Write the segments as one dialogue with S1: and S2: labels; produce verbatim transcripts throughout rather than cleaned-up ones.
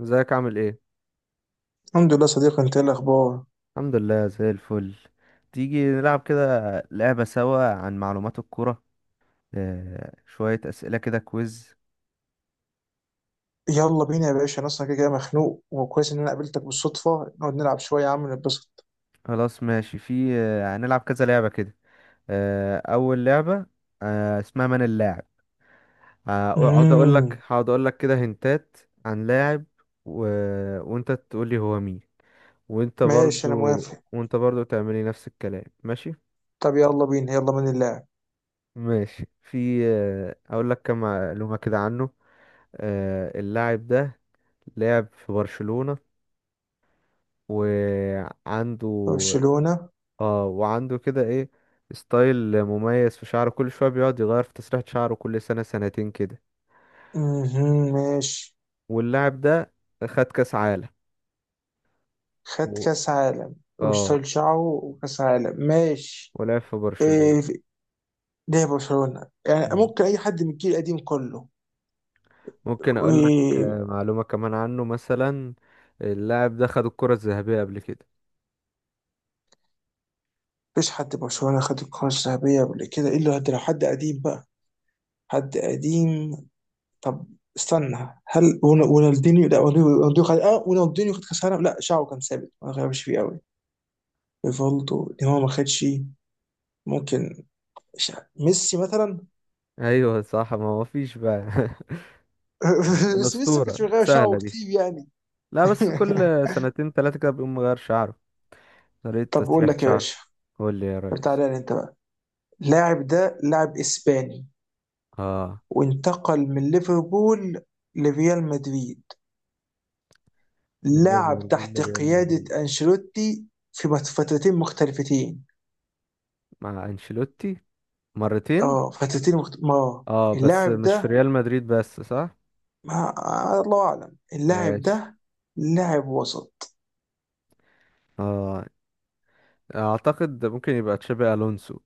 S1: ازيك، عامل ايه؟
S2: الحمد لله صديقي، انت ايه الاخبار؟
S1: الحمد لله، زي الفل. تيجي نلعب كده لعبة سوا عن معلومات الكرة. آه شوية أسئلة كده، كويز.
S2: يلا بينا يا باشا، انا اصلا كده كده مخنوق، وكويس ان انا قابلتك بالصدفه، نقعد نلعب شويه يا عم نتبسط.
S1: خلاص ماشي، في آه هنلعب كذا لعبة كده. آه أول لعبة، آه اسمها من اللاعب. آه، هقعد أقول لك
S2: امم
S1: هقعد أقول لك كده هنتات عن لاعب، و... وأنت تقول لي هو مين. وأنت
S2: ماشي، انا
S1: برضو
S2: موافق.
S1: وأنت برضو تعملي نفس الكلام، ماشي.
S2: طب يلا بينا، يلا، من اللاعب؟
S1: ماشي، في آه هقول لك كم معلومة كده عنه. آه، اللاعب ده لعب في برشلونة وعنده
S2: برشلونه.
S1: اه وعنده كده ايه، ستايل مميز في شعره، كل شوية بيقعد يغير في تسريحة شعره كل سنة سنتين كده.
S2: امم ماشي.
S1: واللاعب ده خد كأس عالم،
S2: خد
S1: و...
S2: كاس عالم،
S1: اه
S2: واشتغل شعره، وكاس عالم، ماشي.
S1: ولعب في برشلونة.
S2: ايه في- ليه برشلونه يعني؟
S1: مم.
S2: ممكن اي حد من الجيل القديم كله.
S1: ممكن اقول لك
S2: و-
S1: آه، معلومة كمان عنه، مثلا اللاعب ده خد الكرة الذهبية قبل كده.
S2: مفيش حد برشلونه خد الكره الذهبيه قبل كده، الا لو حد، لو حد قديم بقى. حد قديم. طب، استنى، هل ون- رونالدينيو. لا، رونالدينيو خد، اه رونالدينيو خد كاس العالم، لا شعره كان ثابت ما غيرش فيه قوي. ريفالدو، نيمار ما خدش. ممكن ش- ميسي مثلا.
S1: ايوه صح، ما هو فيش بقى
S2: بس ميسي ما
S1: الأسطورة
S2: كانش بيغير
S1: سهلة
S2: شعره
S1: دي.
S2: كتير يعني.
S1: لا، بس كل سنتين تلاتة كده بيقوم مغير شعره، طريقة
S2: طب، بقول
S1: تسريحة
S2: لك يا
S1: شعره.
S2: باشا،
S1: قول لي يا
S2: طب
S1: ريس.
S2: تعالى لي انت بقى. اللاعب ده لاعب اسباني،
S1: اه،
S2: وانتقل من ليفربول لريال مدريد، لعب
S1: ليفربول
S2: تحت
S1: ريال مدريد،
S2: قيادة أنشيلوتي في فترتين مختلفتين.
S1: مع انشيلوتي مرتين.
S2: اه، فترتين مخت... ما آه.
S1: اه، بس
S2: اللاعب
S1: مش في
S2: ده،
S1: ريال مدريد بس، صح.
S2: ما الله اعلم، اللاعب
S1: ماشي.
S2: ده لاعب وسط.
S1: اه، اعتقد ممكن يبقى تشابي الونسو.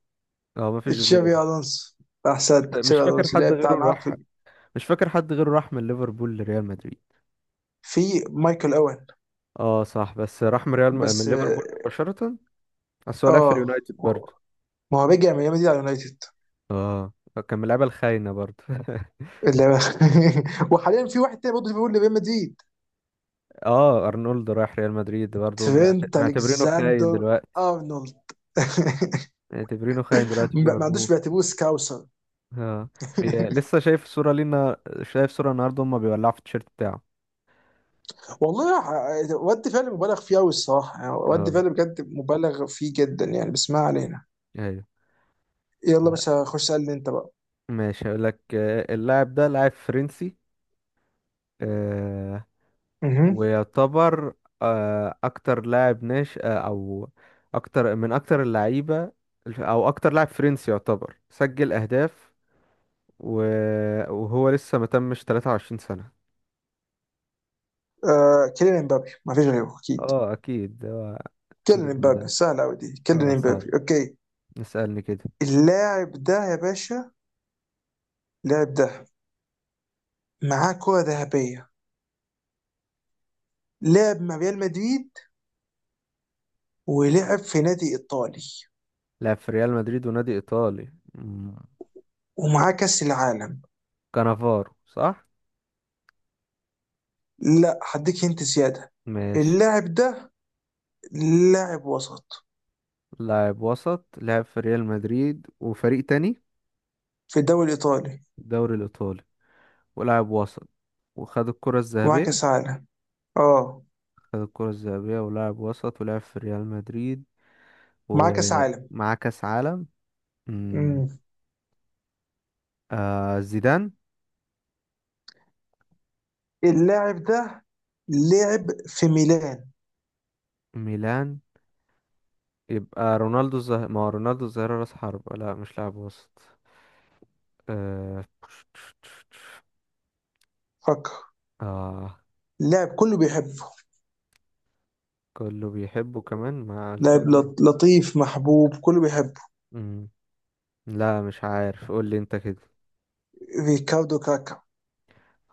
S1: اه مفيش غيره.
S2: تشابي الونسو، احسنت.
S1: مش
S2: تشابي
S1: فاكر
S2: الونسو
S1: حد
S2: اللاعب
S1: غيره
S2: بتاع، معاه
S1: راح
S2: في،
S1: مش فاكر حد غيره راح من ليفربول لريال مدريد.
S2: في مايكل اوين.
S1: اه صح، بس راح من ريال م... من
S2: بس،
S1: ليفربول مباشرة. بس هو لعب في
S2: اه،
S1: اليونايتد برضه.
S2: ما هو رجع من ريال مدريد على اليونايتد.
S1: اه، كان من اللعيبة الخاينة برضه
S2: اللي- وحاليا في واحد تاني برضه، في بيقول لريال مدريد.
S1: اه، ارنولد رايح ريال مدريد برضه، معت-
S2: ترينت
S1: معتبرينه خاين
S2: الكساندر
S1: دلوقتي.
S2: ارنولد.
S1: معتبرينه خاين دلوقتي في
S2: ما ما عندوش،
S1: ليفربول.
S2: بيعتبروه سكاوسر.
S1: اه، بي- لسه شايف صورة لينا. شايف صورة النهارده هما بيولعوا في التيشيرت بتاعه.
S2: والله ح- ود فعلا مبالغ فيه قوي الصراحه يعني، ود
S1: اه
S2: فعلا بجد مبالغ فيه جدا يعني، بس ما علينا.
S1: ايوه.
S2: يلا،
S1: آه،
S2: بس خش اسالني انت بقى.
S1: ماشي هقول لك. آه، اللاعب ده لاعب فرنسي. آه،
S2: مهم.
S1: ويعتبر آه، اكتر لاعب ناشئ، آه، او اكتر من اكتر اللعيبه، او اكتر لاعب فرنسي يعتبر سجل اهداف. و- وهو لسه ما تمش ثلاث وعشرين سنه.
S2: آه، كيليان امبابي، ما فيش غيره اكيد.
S1: اه اكيد.
S2: كيليان
S1: النجم
S2: امبابي
S1: ده
S2: سهل قوي دي، كيليان
S1: اه
S2: امبابي،
S1: سهل،
S2: اوكي.
S1: نسألني كده.
S2: اللاعب ده يا باشا، اللاعب ده، معاه كرة ذهبية، لعب مع ريال مدريد، ولعب في نادي ايطالي،
S1: لعب في ريال مدريد ونادي إيطالي. مم.
S2: ومعاه كأس العالم.
S1: كانافارو صح.
S2: لا، هديك انت زيادة.
S1: ماشي.
S2: اللاعب ده لاعب وسط
S1: لاعب وسط لعب في ريال مدريد وفريق تاني،
S2: في الدوري الايطالي،
S1: الدوري الإيطالي، ولاعب وسط، وخد الكرة
S2: ومعاه
S1: الذهبية.
S2: كأس عالم، اه،
S1: خد الكرة الذهبية ولاعب وسط، ولعب في ريال مدريد،
S2: معاه كأس عالم.
S1: ومعاه كأس عالم. مم.
S2: مم.
S1: آه زيدان.
S2: اللاعب ده لعب في ميلان.
S1: ميلان، يبقى رونالدو الظاهرة. ما هو رونالدو الظاهرة راس حربة، لا مش لاعب وسط. آه.
S2: فكر.
S1: آه،
S2: لاعب كله بيحبه.
S1: كله بيحبه كمان، ما
S2: لاعب
S1: قلتلك دي.
S2: لط- لطيف محبوب، كله بيحبه.
S1: مم. لا مش عارف، قول لي انت كده.
S2: ريكاردو كاكا.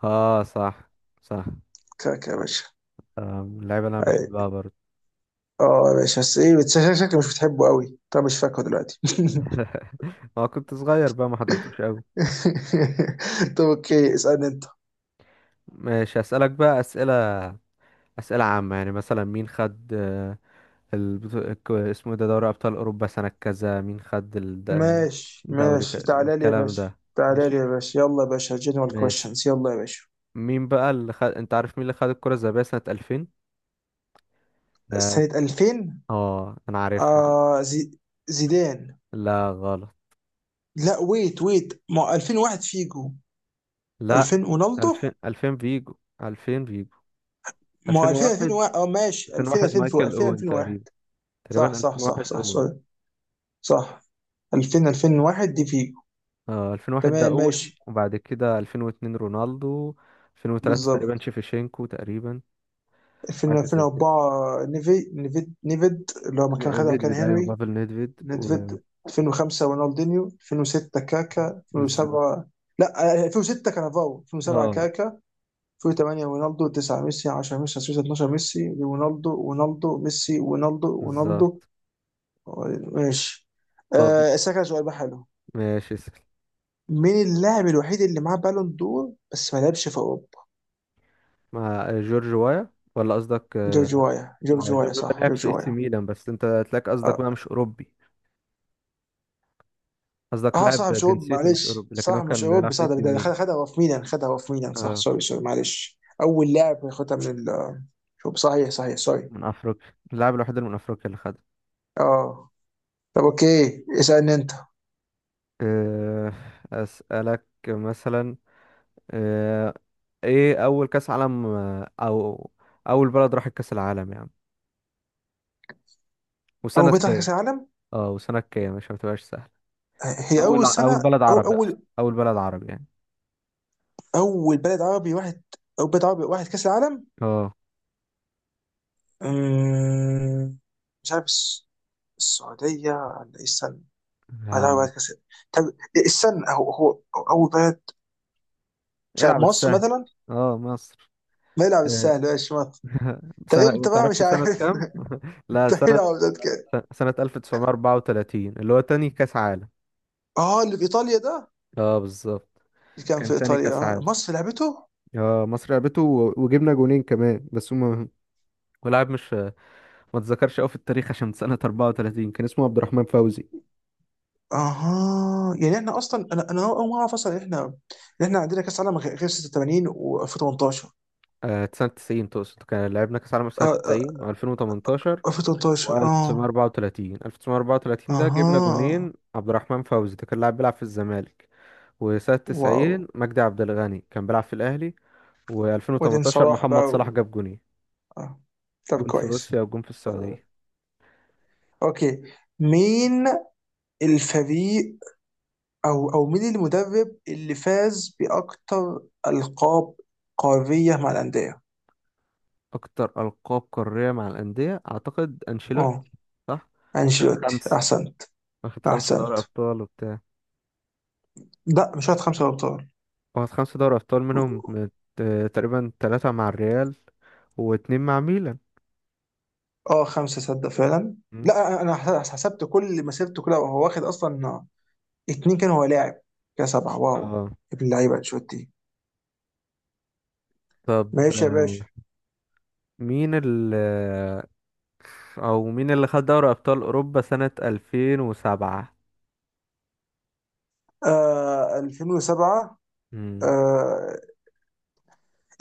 S1: اه صح، صح.
S2: كاكا يا باشا.
S1: آه اللعيبه اللي انا بحبها
S2: أي-
S1: برضه
S2: اه يا باشا، بس ايه، بس شك- شكلك مش بتحبه قوي، طب مش فاكره دلوقتي.
S1: ما كنت صغير بقى، ما حضرتوش قوي.
S2: طب اوكي، اسألني انت.
S1: ماشي اسالك بقى اسئله، اسئله عامه، يعني مثلا مين خد آه، البطو... الك- اسمه إيه ده، دوري ابطال اوروبا سنه كذا مين خد
S2: ماشي
S1: الدوري ك...
S2: ماشي، تعالى لي يا
S1: الكلام
S2: باشا.
S1: ده.
S2: تعالى لي
S1: ماشي
S2: يا باشا، يلا يا باشا، جنرال
S1: ماشي
S2: كويشنز، يلا يا باشا.
S1: مين بقى اللي خد، انت عارف مين اللي خد الكره الذهبيه سنه ألفين ده؟
S2: سنة ألفين.
S1: اه انا عارفها دي.
S2: آه زي... زيدان.
S1: لا غلط.
S2: لا، ويت ويت، ما ألفين وواحد فيجو.
S1: لا،
S2: ألفين رونالدو.
S1: ألفين ألفين فيجو. ألفين فيجو.
S2: ما هو ألفين،
S1: ألفين وواحد
S2: ألفين وواحد، اه ماشي، ألفين
S1: ألفين وواحد
S2: ألفين.
S1: مايكل
S2: ألفين
S1: اوين
S2: ألفين وواحد.
S1: تقريبا.
S2: صح
S1: تقريبا
S2: صح صح
S1: ألفين وواحد
S2: صح،
S1: اوين.
S2: سوري. صح. ألفين ألفين وواحد دي فيجو.
S1: اه، ألفين وواحد ده
S2: تمام ماشي.
S1: اوين، وبعد كده ألفين واتنين رونالدو. ألفين وثلاثة تقريبا
S2: بالظبط.
S1: شيفيشينكو، تقريبا.
S2: ألفين
S1: حاجة زي كده،
S2: ألفين وأربعة، نيفي نيفيد، نيفيد اللي هو مكان، خدها مكان
S1: نيدفيد، ايوه
S2: هنري.
S1: بافل نيدفيد و
S2: نيفيد. ألفين وخمسة رونالدينيو، ألفين وستة كاكا،
S1: بالظبط.
S2: ألفين وسبعة. لا آه، ألفين وستة كانافاو، ألفين وسبعة
S1: اه
S2: كاكا، ألفين وتمانية رونالدو، تسعة ميسي، عشرة ميسي، أحد عشر ألفين واتناشر ميسي، رونالدو، رونالدو، ميسي، رونالدو، رونالدو.
S1: بالظبط.
S2: ماشي.
S1: طب
S2: أه، أسألك على سؤال بقى حلو.
S1: ماشي، اسأل.
S2: مين اللاعب الوحيد اللي معاه بالون دور بس ما لعبش في اوروبا؟
S1: مع جورج وايا. ولا قصدك
S2: جورج
S1: آه،
S2: وايا،
S1: مع
S2: جورج
S1: جورج
S2: وايا
S1: وايا
S2: صح،
S1: لعب
S2: جورج
S1: في اس
S2: وايا.
S1: ميلان، بس انت تلاقي قصدك
S2: اه.
S1: بقى مش اوروبي. قصدك
S2: آه،
S1: لاعب
S2: صح مش اوروبي،
S1: جنسيته مش
S2: معلش،
S1: أوروبي، لكن هو
S2: صح مش
S1: كان بيلعب
S2: اوروبي،
S1: في
S2: صح.
S1: اي
S2: ده
S1: سي
S2: ده
S1: ميلان.
S2: خد- خدها هو في ميلان، خدها هو في ميلان، صح،
S1: آه.
S2: سوري سوري، معلش، اول لاعب ياخدها من ال. شوف، صحيح صحيح، سوري.
S1: من أفريقيا، اللاعب الوحيد اللي من أفريقيا اللي خدها.
S2: اه. طب اوكي، اسالني انت.
S1: آه أسألك مثلا، آه إيه أول كأس عالم، آه، أو أول بلد راحت كأس العالم يعني، وسنة
S2: اول بطولة
S1: كام؟
S2: كاس العالم؟
S1: اه وسنة كام، مش هتبقاش سهل.
S2: هي
S1: أول
S2: اول
S1: أول
S2: سنه
S1: بلد
S2: او
S1: عربي، أقصد
S2: اول،
S1: أول بلد عربي يعني.
S2: اول بلد عربي واحد، او بلد عربي واحد كاس العالم؟
S1: اه.
S2: أمم، مش عارف الس- السعوديه ولا ايه السنه؟ لا،
S1: آه،
S2: بعد كاس. طب، استنى، هو هو اول بلد، مش عارف،
S1: العب
S2: مصر
S1: السهل.
S2: مثلا.
S1: اه مصر.
S2: ما يلعب
S1: آه،
S2: السهل، ماشي، مصر. طب
S1: سنة، ما
S2: امتى بقى،
S1: تعرفش
S2: مش
S1: سنة
S2: عارف.
S1: كام؟ لا
S2: مستحيل
S1: سنة،
S2: العب ضد كده.
S1: س- سنة ألف وتسعمية وأربعة وتلاتين، اللي هو تاني كأس عالم.
S2: اه، اللي في ايطاليا ده.
S1: اه بالظبط،
S2: اللي كان في
S1: كان تاني
S2: ايطاليا،
S1: كأس
S2: آه.
S1: عالم.
S2: مصر لعبته.
S1: اه مصر لعبته، و- وجبنا جونين كمان، بس هما ولاعب مش ما اتذكرش قوي في التاريخ، عشان سنة أربعة وثلاثين كان اسمه عبد الرحمن فوزي.
S2: اها، يعني احنا اصلا، انا انا اول ما اعرف اصلا إن احنا، إن احنا عندنا كاس عالم غير غير ستة وتمانين و2018.
S1: آه سنة تسعين تقصد، كان لعبنا كأس عالم في سنة
S2: اه، آه،
S1: تسعين و2018 و1934.
S2: ألفين وتمنتاشر، اه.
S1: ألف وتسعمية وأربعة وتلاتين ده جبنا
S2: اها.
S1: جونين، عبد الرحمن فوزي ده كان لاعب بيلعب في الزمالك. وسنة
S2: واو.
S1: تسعين مجدي عبد الغني كان بيلعب في الأهلي.
S2: وبعدين
S1: و2018
S2: صلاح بقى.
S1: محمد صلاح
S2: و...
S1: جاب جونين،
S2: آه. طب،
S1: جون في
S2: كويس.
S1: روسيا وجون في السعودية.
S2: اوكي، مين الفريق، او او مين المدرب اللي فاز باكتر القاب قاريه مع الانديه؟
S1: أكتر ألقاب قارية مع الأندية، أعتقد
S2: اه،
S1: أنشيلوتي، صح؟ واخد
S2: انشيلوتي،
S1: خمسة
S2: احسنت.
S1: واخد خمسة دوري
S2: احسنت.
S1: أبطال وبتاع.
S2: لا، مش واخد خمسه ابطال.
S1: واخد خمسة دوري أبطال، منهم مت- تقريبا تلاتة مع الريال واتنين مع ميلان.
S2: اه، خمسه، صدق فعلا.
S1: مم.
S2: لا انا، أنا حس- حسبت كل مسيرته كلها، وهو واخد اصلا اتنين كان هو لاعب، كده سبعه، واو.
S1: اه
S2: ابن اللعيبه انشيلوتي.
S1: طب،
S2: ماشي يا
S1: آه،
S2: باشا.
S1: مين ال أو مين اللي خد دوري أبطال أوروبا سنة ألفين وسبعة؟
S2: آه، ألفين وسبعة.
S1: مم.
S2: آه،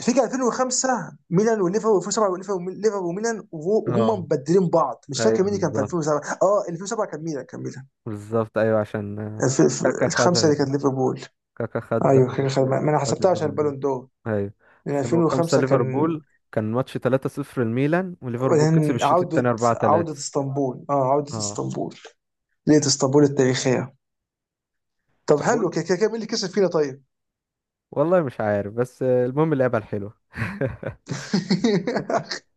S2: فيجي ألفين وخمسة ميلان وليفر، و2007 وليفر، وليفر، ليفر، وميلان، وهو- وهم
S1: اه
S2: مبدلين بعض، مش فاكر
S1: أيوه
S2: مين اللي كان في
S1: بالظبط.
S2: ألفين وسبعة، اه ألفين وسبعة كان ميلان، كان ميلان.
S1: بالظبط أيوه، عشان آه،
S2: الف- الف-
S1: كاكا
S2: الخمسه
S1: خدها.
S2: اللي كانت ليفربول.
S1: كاكا خد
S2: ايوه، كان-
S1: دوري-
S2: كان- ما ما انا
S1: خد
S2: حسبتها عشان
S1: البالون دور،
S2: البالون دور.
S1: ايوه.
S2: لان
S1: ألفين وخمسة
S2: ألفين وخمسة كان.
S1: ليفربول، كان ماتش تلاتة صفر، الميلان وليفربول كسب
S2: وبعدين
S1: الشوط التاني
S2: عوده عوده
S1: أربعة ثلاثة.
S2: اسطنبول، اه، عوده
S1: اه
S2: اسطنبول، ليله اسطنبول التاريخيه. طب
S1: طب
S2: حلو،
S1: وانت،
S2: كده كده كده، مين اللي كسب فينا طيب؟
S1: والله مش عارف، بس آه، المهم اللعبة الحلوة.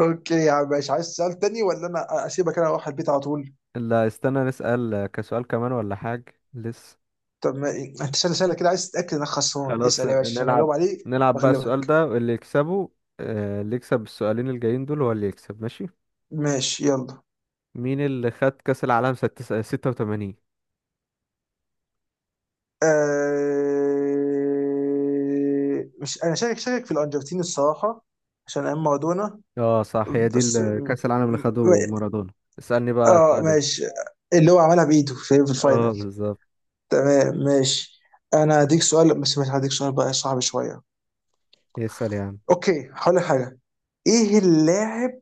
S2: اوكي يا عم ماشي، عايز سؤال تاني ولا انا اسيبك انا اروح البيت على طول؟
S1: اللي استنى نسأل آه، كسؤال كمان ولا حاجة لسه؟
S2: طب ما انت، سهله سهله كده، عايز تتاكد انك خسران؟
S1: خلاص
S2: اسال
S1: آه،
S2: يا باشا عشان
S1: نلعب
S2: اجاوب عليه
S1: نلعب بقى السؤال
S2: واغلبك.
S1: ده واللي يكسبه. آه، اللي يكسب السؤالين الجايين دول هو اللي يكسب، ماشي.
S2: ماشي، يلا.
S1: مين اللي خد كأس العالم ستة- 86؟
S2: أه، مش انا شاكك شاكك في الارجنتين الصراحه، عشان ايام مارادونا.
S1: اه صح، هي دي
S2: بس
S1: ال-
S2: م-
S1: كأس العالم اللي
S2: م-
S1: خده مارادونا. اسألني بقى
S2: اه
S1: سؤالين.
S2: ماشي. اللي هو عملها بايده في في
S1: اه
S2: الفاينل.
S1: بالظبط.
S2: تمام ماشي. انا هديك سؤال، بس مش هديك سؤال بقى صعب شويه.
S1: يسأل يا عم.
S2: اوكي، هقول لك حاجه. ايه اللاعب،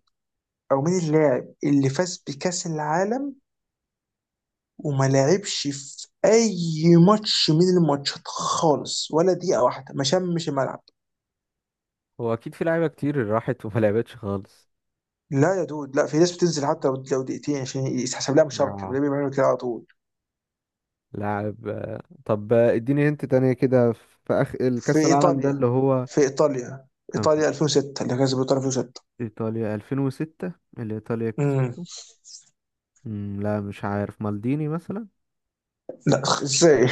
S2: او مين اللاعب اللي فاز بكاس العالم وما لعبش في اي ماتش من الماتشات خالص، ولا دقيقه واحده، ما شمش الملعب؟
S1: هو اكيد في لعيبه كتير راحت وما لعبتش خالص.
S2: لا يا دود، لا في ناس بتنزل حتى لو لو دقيقتين عشان يتحسب لها مشاركه،
S1: اه،
S2: بيعملوا بيعملوا كده على طول.
S1: لاعب آه، طب آه، اديني هنت تانية كده. في اخ
S2: في
S1: الكأس العالم ده، اللي
S2: ايطاليا،
S1: هو
S2: في ايطاليا،
S1: كان في
S2: ايطاليا ألفين وستة، اللي كسبت ايطاليا ألفين وستة.
S1: ايطاليا ألفين وستة، اللي ايطاليا
S2: امم
S1: كسبته. مم، لا مش عارف، مالديني مثلا.
S2: لا، ازاي.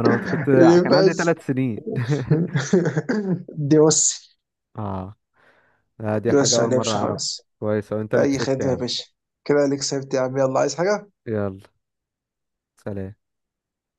S1: انا كنت كنت
S2: اللي
S1: كان عندي
S2: فاز.
S1: ثلاث سنين
S2: دي بص،
S1: اه لا، دي
S2: دي
S1: حاجة
S2: بص ما
S1: اول مرة
S2: لعبش
S1: اعرفها.
S2: خالص.
S1: كويس، وانت اللي
S2: اي
S1: كسبت يا
S2: خدمه يا
S1: عم.
S2: باشا، كده اللي كسبت يا عم، يلا عايز حاجه.
S1: يلا. سلام.